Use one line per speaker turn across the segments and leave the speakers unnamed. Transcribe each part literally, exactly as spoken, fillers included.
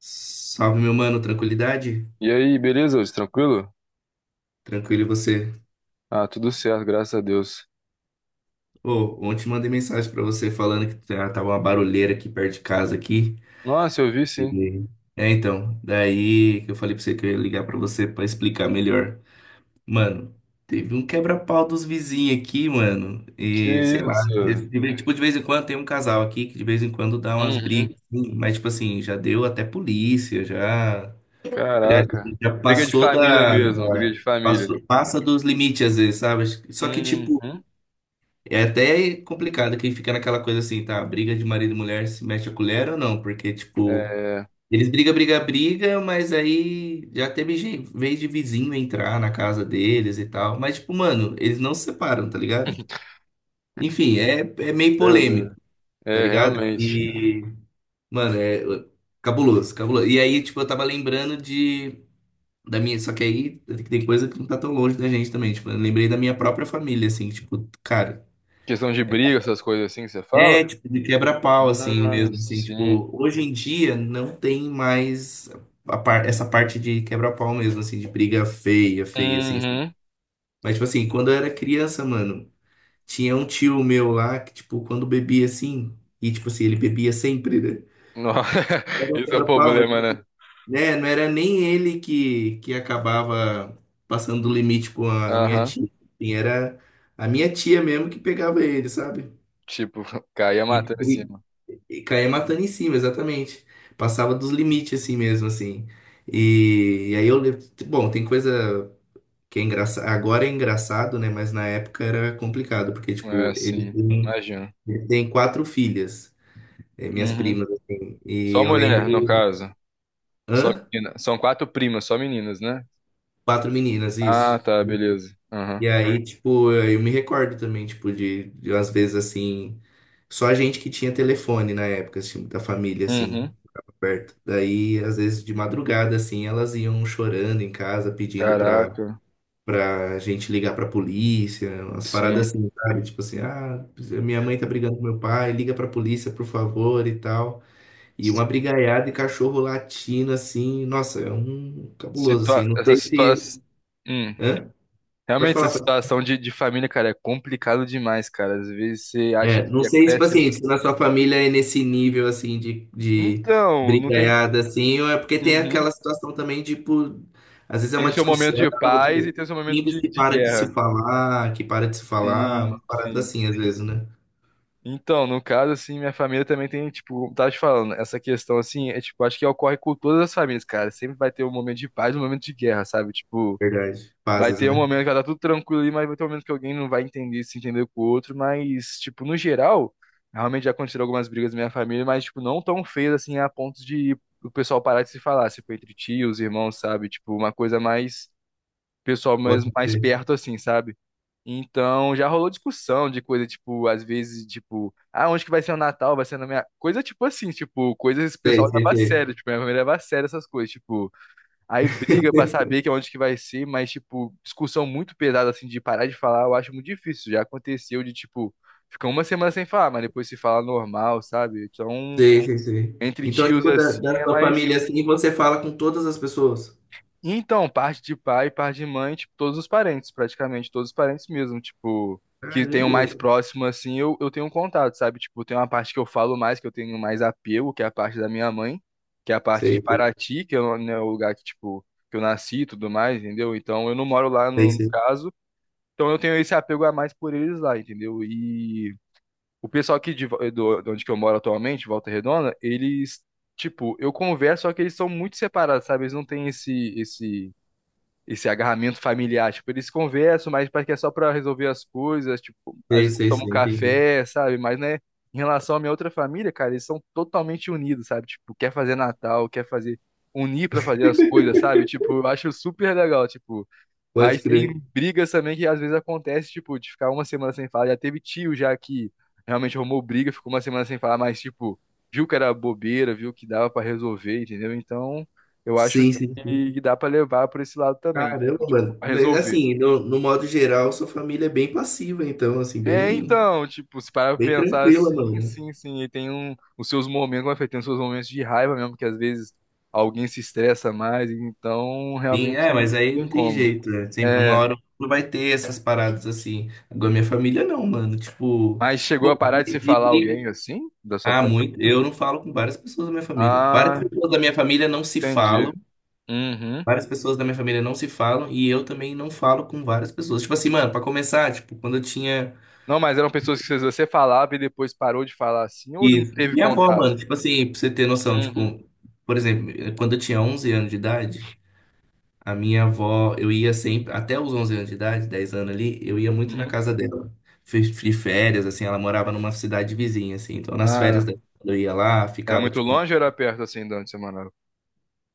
Salve, meu mano, tranquilidade?
E aí, beleza, Wilson? Tranquilo?
Tranquilo e você?
Ah, tudo certo, graças a Deus.
Ô, ontem mandei mensagem pra você falando que tá- tava uma barulheira aqui perto de casa aqui.
Nossa, eu vi sim.
E- É, então, daí que eu falei pra você que eu ia ligar pra você pra explicar melhor. Mano, teve um quebra-pau dos vizinhos aqui, mano. E
Que
sei lá, esse-
isso?
de vez- tipo, de vez em quando tem um casal aqui que de vez em quando dá umas brigas,
Uhum.
assim, mas tipo assim, já deu até polícia, já. É, a
Caraca.
gente já
Briga de
passou
família
da,
mesmo, briga
da-
de família.
passou- passa dos limites às vezes, sabe? Só que, tipo,
Uhum.
é até complicado quem fica naquela coisa assim, tá? Briga de marido e mulher se mexe a colher ou não? Porque, tipo,
É,
eles brigam, brigam, brigam, mas aí já teve gen- vez de vizinho entrar na casa deles e tal. Mas, tipo, mano, eles não se separam, tá ligado? Enfim, é, é meio polêmico,
verdade.
tá
É,
ligado?
realmente.
E, mano, é cabuloso, cabuloso. E aí, tipo, eu tava lembrando de. Da minha, só que aí tem coisa que não tá tão longe da gente também. Tipo, eu lembrei da minha própria família, assim, tipo, cara.
Questão de briga, essas coisas assim que você fala?
É, tipo, de quebra-pau, assim
Ah,
mesmo. Assim,
sim.
tipo, hoje em dia não tem mais a par- essa parte de quebra-pau mesmo, assim, de briga feia, feia, assim.
Uhum.
Mas, tipo, assim, quando eu era criança, mano, tinha um tio meu lá que, tipo, quando bebia assim, e, tipo, assim, ele bebia sempre, né?
Nossa,
Era um
isso é um
quebra-pau, mas
problema, né?
né? Não era nem ele que, que acabava passando do limite com a minha
Aham.
tia. Assim, era a minha tia mesmo que pegava ele, sabe?
Tipo, caía
E,
matando em
e,
cima.
e caía matando em cima, exatamente. Passava dos limites assim mesmo, assim. E, e aí eu. le- Bom, tem coisa que é engraçada. Agora é engraçado, né? Mas na época era complicado, porque, tipo,
É,
eles
sim.
têm
Imagina.
ele tem quatro filhas, eh, minhas
Uhum.
primas, assim. E
Só
eu
mulher, no
lembro.
caso. Só
Hã?
menina. São quatro primas, só meninas, né?
Quatro meninas,
Ah,
isso.
tá, beleza. Aham.
E aí, tipo, eu me recordo também, tipo, de, de às vezes assim, só a gente que tinha telefone na época, assim, da família, assim,
Uhum.
perto. Daí, às vezes, de madrugada, assim, elas iam chorando em casa, pedindo pra,
Caraca.
pra gente ligar pra polícia, umas
Sim.
paradas assim, sabe? Tipo assim, ah, minha mãe tá brigando com meu pai, liga pra polícia, por favor, e tal. E uma brigaiada e cachorro latindo, assim, nossa, é um cabuloso, assim,
Situa
não
essa
sei se.
situação. Hum.
Hã? Pode
Realmente, essa
falar, pode.
situação de, de família, cara, é complicado demais, cara. Às vezes você acha
É, não
que
sei, tipo
acontece.
assim, se na sua família é nesse nível, assim, de, de
Então, não tem.
brigaiada, assim, ou é porque tem aquela
Uhum.
situação também, tipo, às vezes é
Tem o
uma
seu momento
discussão,
de paz e tem o seu momento
times
de,
que
de
para de se
guerra.
falar, que para de se falar, uma
Sim,
parada
sim.
assim, às vezes, né?
Então, no caso, assim, minha família também tem, tipo, como tava te falando, essa questão, assim, é, tipo, acho que ocorre com todas as famílias, cara. Sempre vai ter um momento de paz e um momento de guerra, sabe? Tipo,
Verdade.
vai
Fases,
ter um
né?
momento que vai estar tudo tranquilo ali, mas vai ter um momento que alguém não vai entender, se entender com o outro, mas, tipo, no geral, realmente já aconteceram algumas brigas na minha família, mas, tipo, não tão feias, assim, a ponto de o pessoal parar de se falar, tipo, entre tios, irmãos, sabe? Tipo, uma coisa mais pessoal, mais,
Pode
mais
ser.
perto, assim, sabe? Então, já rolou discussão de coisa, tipo, às vezes, tipo, ah, onde que vai ser o Natal? Vai ser na minha. Coisa tipo assim, tipo, coisas que o
Sei,
pessoal
sei,
leva a
sei.
sério, tipo, minha família leva a sério essas coisas, tipo, aí briga pra saber que é onde que vai ser, mas, tipo, discussão muito pesada, assim, de parar de falar, eu acho muito difícil. Já aconteceu de, tipo, ficar uma semana sem falar, mas depois se fala normal, sabe? Então,
Sei, sei, sei.
entre
Então,
tios,
tipo, da,
assim,
da
é
sua
mais.
família, assim, você fala com todas as pessoas.
Então, parte de pai, parte de mãe, tipo, todos os parentes, praticamente, todos os parentes mesmo, tipo, que tenho
Caramba,
mais
velho.
próximo, assim, eu, eu tenho um contato, sabe? Tipo, tem uma parte que eu falo mais, que eu tenho mais apego, que é a parte da minha mãe, que é a parte de
Sei, sei,
Paraty, que é o, né, o lugar que, tipo, que eu nasci e tudo mais, entendeu? Então, eu não moro lá
sei,
no, no
sei.
caso, então eu tenho esse apego a mais por eles lá, entendeu? E o pessoal aqui de, Vo- do, de onde que eu moro atualmente, Volta Redonda, eles, tipo, eu converso, só que eles são muito separados, sabe? Eles não têm esse, esse esse agarramento familiar. Tipo, eles conversam, mas parece que é só pra resolver as coisas, tipo, às
Sei,
vezes
sei,
tomam um
sei, entendi.
café, sabe? Mas, né, em relação à minha outra família, cara, eles são totalmente unidos, sabe? Tipo, quer fazer Natal, quer fazer, unir pra fazer as coisas, sabe? Tipo, eu acho super legal, tipo, mas
Pode
tem
crer.
brigas também que às vezes acontece, tipo, de ficar uma semana sem falar. Já teve tio já que realmente arrumou briga, ficou uma semana sem falar, mas, tipo, viu que era bobeira, viu que dava pra resolver, entendeu? Então, eu acho
Sim, sim, sim.
que dá pra levar por esse lado também, entendeu?
Caramba,
Tipo,
mano.
pra
Né,
resolver.
assim, no, no modo geral, sua família é bem passiva, então, assim,
É,
bem,
então, tipo, se parar pra
bem
pensar
tranquila,
assim,
mano.
sim, sim, e tem um, os seus momentos, como eu falei, tem os seus momentos de raiva mesmo, que às vezes alguém se estressa mais, então
Sim,
realmente
é,
não
mas aí
tem
não tem
como.
jeito, né? Sempre, uma
É,
hora ou outra vai ter essas paradas assim. Agora, minha família não, mano. Tipo,
mas chegou a
bom,
parar de
de,
se
de
falar
briga.
alguém assim da sua
Ah,
família?
muito. Eu não falo com várias pessoas da minha família. Várias
Ah,
pessoas da minha família não se
entendi.
falam.
Uhum.
Várias pessoas da minha família não se falam. E eu também não falo com várias pessoas. Tipo assim, mano, pra começar, tipo, quando eu tinha.
Não, mas eram pessoas que você falava e depois parou de falar assim ou não
Isso.
teve
Minha avó,
contato?
mano, tipo assim, pra você ter noção, tipo,
Uhum.
por exemplo, eh, quando eu tinha onze anos de idade, a minha avó, eu ia sempre, até os onze anos de idade, dez anos ali, eu ia muito na
Uhum.
casa dela. Fiz de férias, assim, ela morava numa cidade vizinha, assim, então nas férias
Ah,
dela, quando eu ia lá,
era
ficava,
muito
tipo,
longe ou era perto assim durante a semana?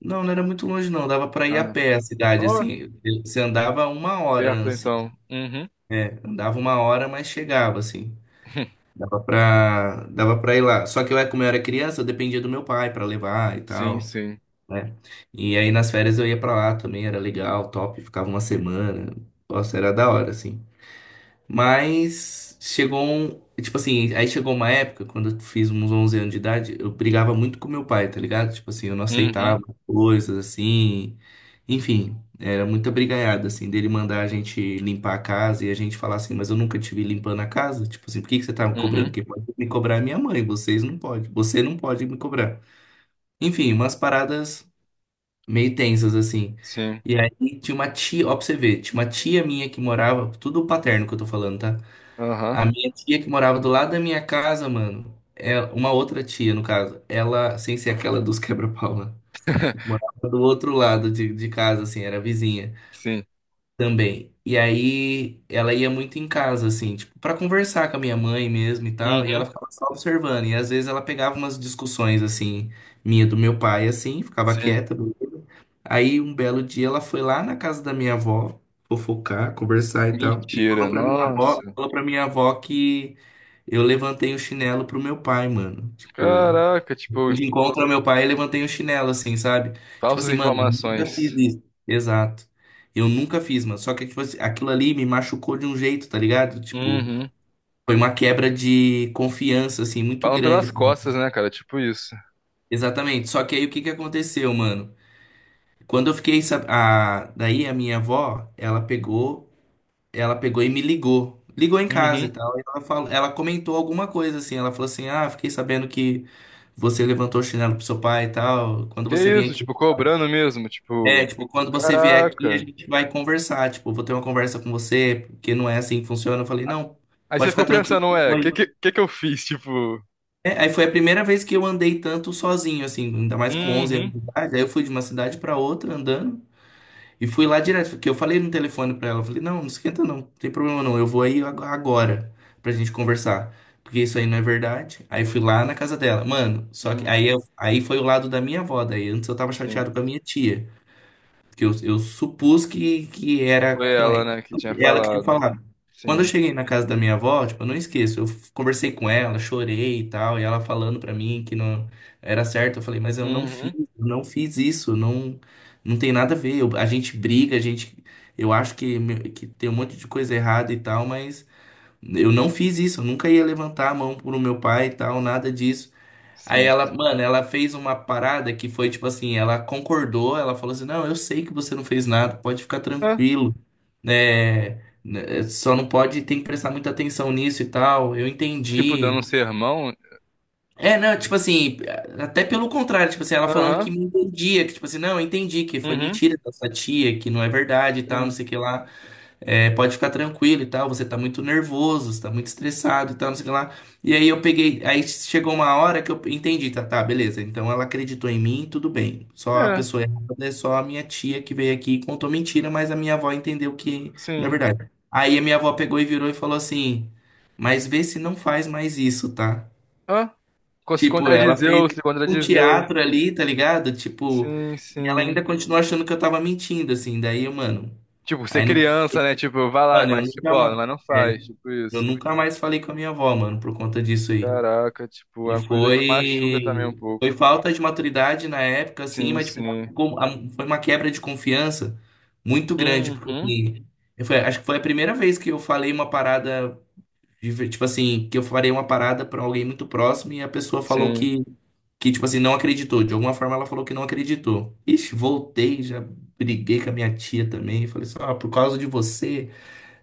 não, não era muito longe, não, dava pra ir a
Ah,
pé a cidade,
ó,
assim, você andava uma hora,
perto
assim,
então. Uhum.
é, andava uma hora, mas chegava, assim. Dava pra, dava pra ir lá. Só que eu, como eu era criança, eu dependia do meu pai pra levar e
Sim,
tal,
sim.
né? E aí nas férias eu ia pra lá também, era legal, top, ficava uma semana. Nossa, era da hora, assim. Mas chegou um. Tipo assim, aí chegou uma época, quando eu fiz uns onze anos de idade, eu brigava muito com meu pai, tá ligado? Tipo assim, eu não aceitava
Uhum.
coisas assim. Enfim, era muita brigaiada, assim, dele mandar a gente limpar a casa e a gente falar assim, mas eu nunca te vi limpando a casa. Tipo assim, por que que você tá me cobrando?
Uhum.
Quem pode me cobrar é minha mãe, vocês não podem. Você não pode me cobrar. Enfim, umas paradas meio tensas, assim.
Sim.
E aí tinha uma tia, ó, pra você ver, tinha uma tia minha que morava, tudo paterno que eu tô falando, tá?
Aham.
A minha tia que morava do lado da minha casa, mano, é uma outra tia, no caso, ela, sem ser aquela dos quebra-pau, né? Morava do outro lado de, de casa, assim, era vizinha
Sim.
também. E aí ela ia muito em casa, assim, tipo, pra conversar com a minha mãe mesmo e tal. E ela
Uhum.
ficava só observando. E às vezes ela pegava umas discussões, assim, minha do meu pai, assim, ficava
Sim.
quieta. Beleza. Aí um belo dia ela foi lá na casa da minha avó fofocar, conversar e tal. E
Mentira.
falou pra minha avó,
Nossa.
falou pra minha avó que eu levantei o chinelo pro meu pai, mano. Tipo
Caraca, tipo,
gente encontra meu pai, e levantei o chinelo, assim, sabe? Tipo
falsas
assim, mano, nunca fiz
informações.
isso. Exato. Eu nunca fiz, mano. Só que, tipo assim, aquilo ali me machucou de um jeito, tá ligado? Tipo,
Uhum.
foi uma quebra de confiança, assim, muito
Falam pelas
grande.
costas, né, cara? Tipo isso.
Exatamente. Só que aí o que que aconteceu, mano? Quando eu fiquei, sab- a... daí a minha avó, ela pegou, ela pegou e me ligou. Ligou em casa e
Uhum.
tal. E ela falou, ela comentou alguma coisa assim. Ela falou assim: Ah, fiquei sabendo que você levantou o chinelo pro seu pai e tal. Quando
Que
você vem
isso,
aqui
tipo, cobrando mesmo,
É,
tipo,
tipo, quando você vier aqui, a
caraca.
gente vai conversar. Tipo, vou ter uma conversa com você, porque não é assim que funciona. Eu falei, não,
Aí
pode
você
ficar
ficou
tranquilo.
pensando, ué, que
Foi.
que, que que eu fiz? Tipo,
É, aí foi a primeira vez que eu andei tanto sozinho, assim, ainda mais com onze anos
uhum,
de idade. Aí eu fui de uma cidade pra outra andando e fui lá direto, porque eu falei no telefone pra ela. Eu falei, não, não esquenta não, não tem problema não, eu vou aí ag- agora pra gente conversar. Porque isso aí não é verdade. Aí fui lá na casa dela. Mano, só que
uhum,
aí, eu- aí foi o lado da minha avó. Daí antes eu tava
sim.
chateado com a minha tia, que eu, eu supus que, que era
Foi
com
ela,
ela,
né, que tinha
ela que tinha
falado.
falado. Quando eu
Sim.
cheguei na casa da minha avó, tipo, eu não esqueço, eu f- conversei com ela, chorei e tal, e ela falando pra mim que não era certo, eu falei, mas eu não fiz,
Uhum,
eu não fiz isso, não, não tem nada a ver. Eu- a gente briga, a gente, eu acho que, me- que tem um monte de coisa errada e tal, mas eu não fiz isso, eu nunca ia levantar a mão pro meu pai e tal, nada disso. Aí
sim.
ela, mano, ela fez uma parada que foi tipo assim, ela concordou, ela falou assim, não, eu sei que você não fez nada, pode ficar
Ah,
tranquilo, né? né, Só não pode, tem que prestar muita atenção nisso e tal, eu
tipo, dando um
entendi.
sermão.
É, não, tipo assim, até pelo contrário, tipo assim, ela falando que
Aham,
me entendia, que tipo assim, não, eu entendi que foi
uhum,
mentira da sua tia, que não é verdade e tal, não
sim.
sei o que lá. É, pode ficar tranquilo e tal, você tá muito nervoso, você tá muito estressado e tal, não sei o que lá. E aí eu peguei, aí chegou uma hora que eu entendi, tá, tá, beleza. Então ela acreditou em mim, tudo bem. Só a
É,
pessoa errada é só a minha tia que veio aqui e contou mentira, mas a minha avó entendeu que, na
sim.
verdade. Aí a minha avó pegou e virou e falou assim: Mas vê se não faz mais isso, tá?
Ah, co- se
Tipo, ela fez
contradizeu, se
um
contradizeu.
teatro ali, tá ligado? Tipo,
Sim,
e ela
sim.
ainda continuou achando que eu tava mentindo, assim. Daí, mano,
Tipo, ser
aí não,
criança, né? Tipo, vai lá,
mano, eu
mas tipo,
nunca
ó, mas
mais.
não faz, tipo
Eu
isso.
nunca mais falei com a minha avó, mano, por conta disso aí.
Caraca, tipo,
E
é uma coisa que machuca também
foi.
um pouco.
Foi falta de maturidade na época, assim,
Sim,
mas tipo,
sim.
como- a- foi uma quebra de confiança muito grande, porque
Uhum,
assim, eu foi- acho que foi a primeira vez que eu falei uma parada, de- tipo assim, que eu falei uma parada pra alguém muito próximo e a pessoa falou
sim.
que, que, tipo assim, não acreditou. De alguma forma ela falou que não acreditou. Ixi, voltei, já briguei com a minha tia também, falei só, ah, por causa de você.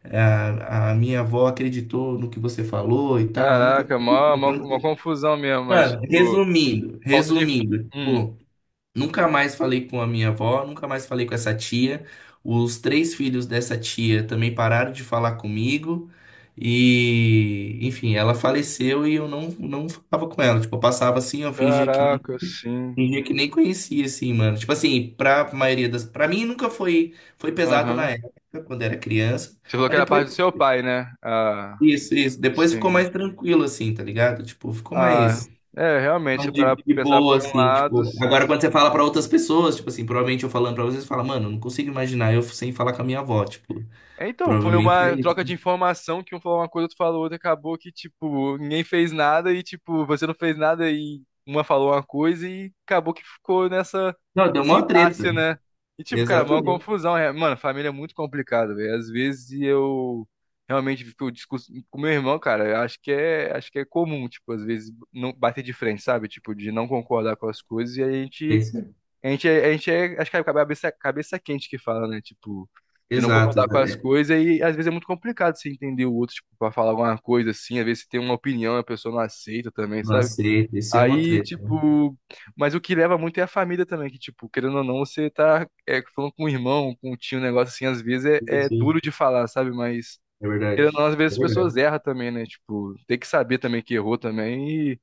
A, a minha avó acreditou no que você falou e tal. Eu nunca.
Caraca, mó, mó, mó confusão mesmo, mas,
Mano,
tipo,
resumindo,
falta de.
resumindo,
Hum.
tipo, nunca mais falei com a minha avó, nunca mais falei com essa tia. Os três filhos dessa tia também pararam de falar comigo. E, enfim, ela faleceu e eu não, não falava com ela. Tipo, eu passava assim, eu fingia que, nem-
Caraca, sim.
fingia que nem conhecia, assim, mano. Tipo assim, pra maioria das. Pra mim nunca foi, foi pesado na
Aham.
época, quando era criança.
Você falou que
Mas
era
depois.
parte do seu pai, né? Ah,
Isso, isso. Depois
sim.
ficou mais tranquilo, assim, tá ligado? Tipo, ficou
Ah,
mais,
é, realmente,
mais
se parar
de,
pra
de
pensar
boa,
por um
assim,
lado,
tipo.
sim.
Agora, quando você fala pra outras pessoas, tipo assim, provavelmente eu falando pra vocês, você fala, mano, eu não consigo imaginar eu sem falar com a minha avó, tipo,
É, então, foi
provavelmente é
uma
isso.
troca de informação que um falou uma coisa, outro falou outra, acabou que, tipo, ninguém fez nada e, tipo, você não fez nada e uma falou uma coisa e acabou que ficou nessa,
Não, deu
nesse
mó
impasse,
treta.
né? E, tipo, cara, é uma
Exatamente.
confusão. É. Mano, família é muito complicado, velho. Às vezes eu realmente fico discusso com meu irmão, cara, eu acho que é, acho que é comum, tipo, às vezes não bater de frente, sabe? Tipo, de não concordar com as coisas e a
É
gente
isso aí.
a gente, é- a gente é, acho que é cabeça, cabeça quente que fala, né? Tipo, de não
Exato,
concordar
exa-
com as
é.
coisas e às vezes é muito complicado você entender o outro, tipo, pra falar alguma coisa assim. Às vezes você tem uma opinião e a pessoa não aceita também,
Não
sabe?
aceito. Isso é uma
Aí,
treta.
tipo, mas o que leva muito é a família também, que, tipo, querendo ou não, você tá é, falando com o irmão, com o tio, um negócio assim, às vezes é, é
Isso, isso.
duro de falar, sabe? Mas,
É verdade.
querendo ou não, às vezes
É
as pessoas
verdade.
erram também, né? Tipo, tem que saber também que errou também e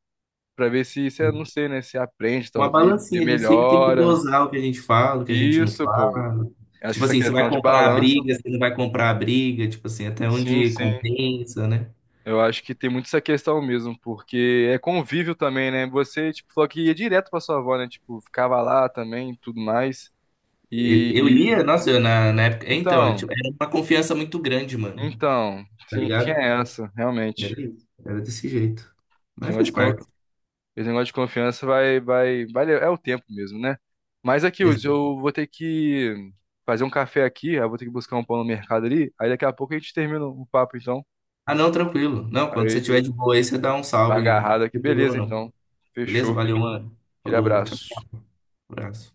pra ver se, se, é, não sei, né? Se aprende,
Uma
talvez, se
balancinha, a gente sempre tem que
melhora.
dosar o que a gente fala, o que a gente não
Isso, pô.
fala.
Acho
Tipo
que essa
assim, você vai
questão de
comprar a
balanço,
briga, você não vai comprar a briga, tipo assim, até
sim,
onde
sim.
compensa, né?
Eu acho que tem muito essa questão mesmo, porque é convívio também, né? Você, tipo, falou que ia direto pra sua avó, né? Tipo, ficava lá também, e tudo mais.
Eu, eu
E
lia, nossa, eu na, na época. é, Então,
então,
tipo, era uma confiança muito grande, mano.
então,
Tá
sim, tinha
ligado?
essa, realmente.
Era isso. Era desse jeito.
Esse
Mas
negócio
faz
de, con-
parte.
esse negócio de confiança vai, vai, vai, le- é o tempo mesmo, né? Mas aqui, Hudson,
Exa-
eu vou ter que fazer um café aqui, aí eu vou ter que buscar um pão no mercado ali. Aí daqui a pouco a gente termina o papo, então.
Ah, não, tranquilo. Não, quando você
Aí
tiver de boa aí, você dá um
tá
salve. Não
agarrado aqui,
tem problema,
beleza,
não.
então.
Beleza?
Fechou.
Valeu, mano.
Aquele
Falou, tchau,
abraço.
tchau. Abraço.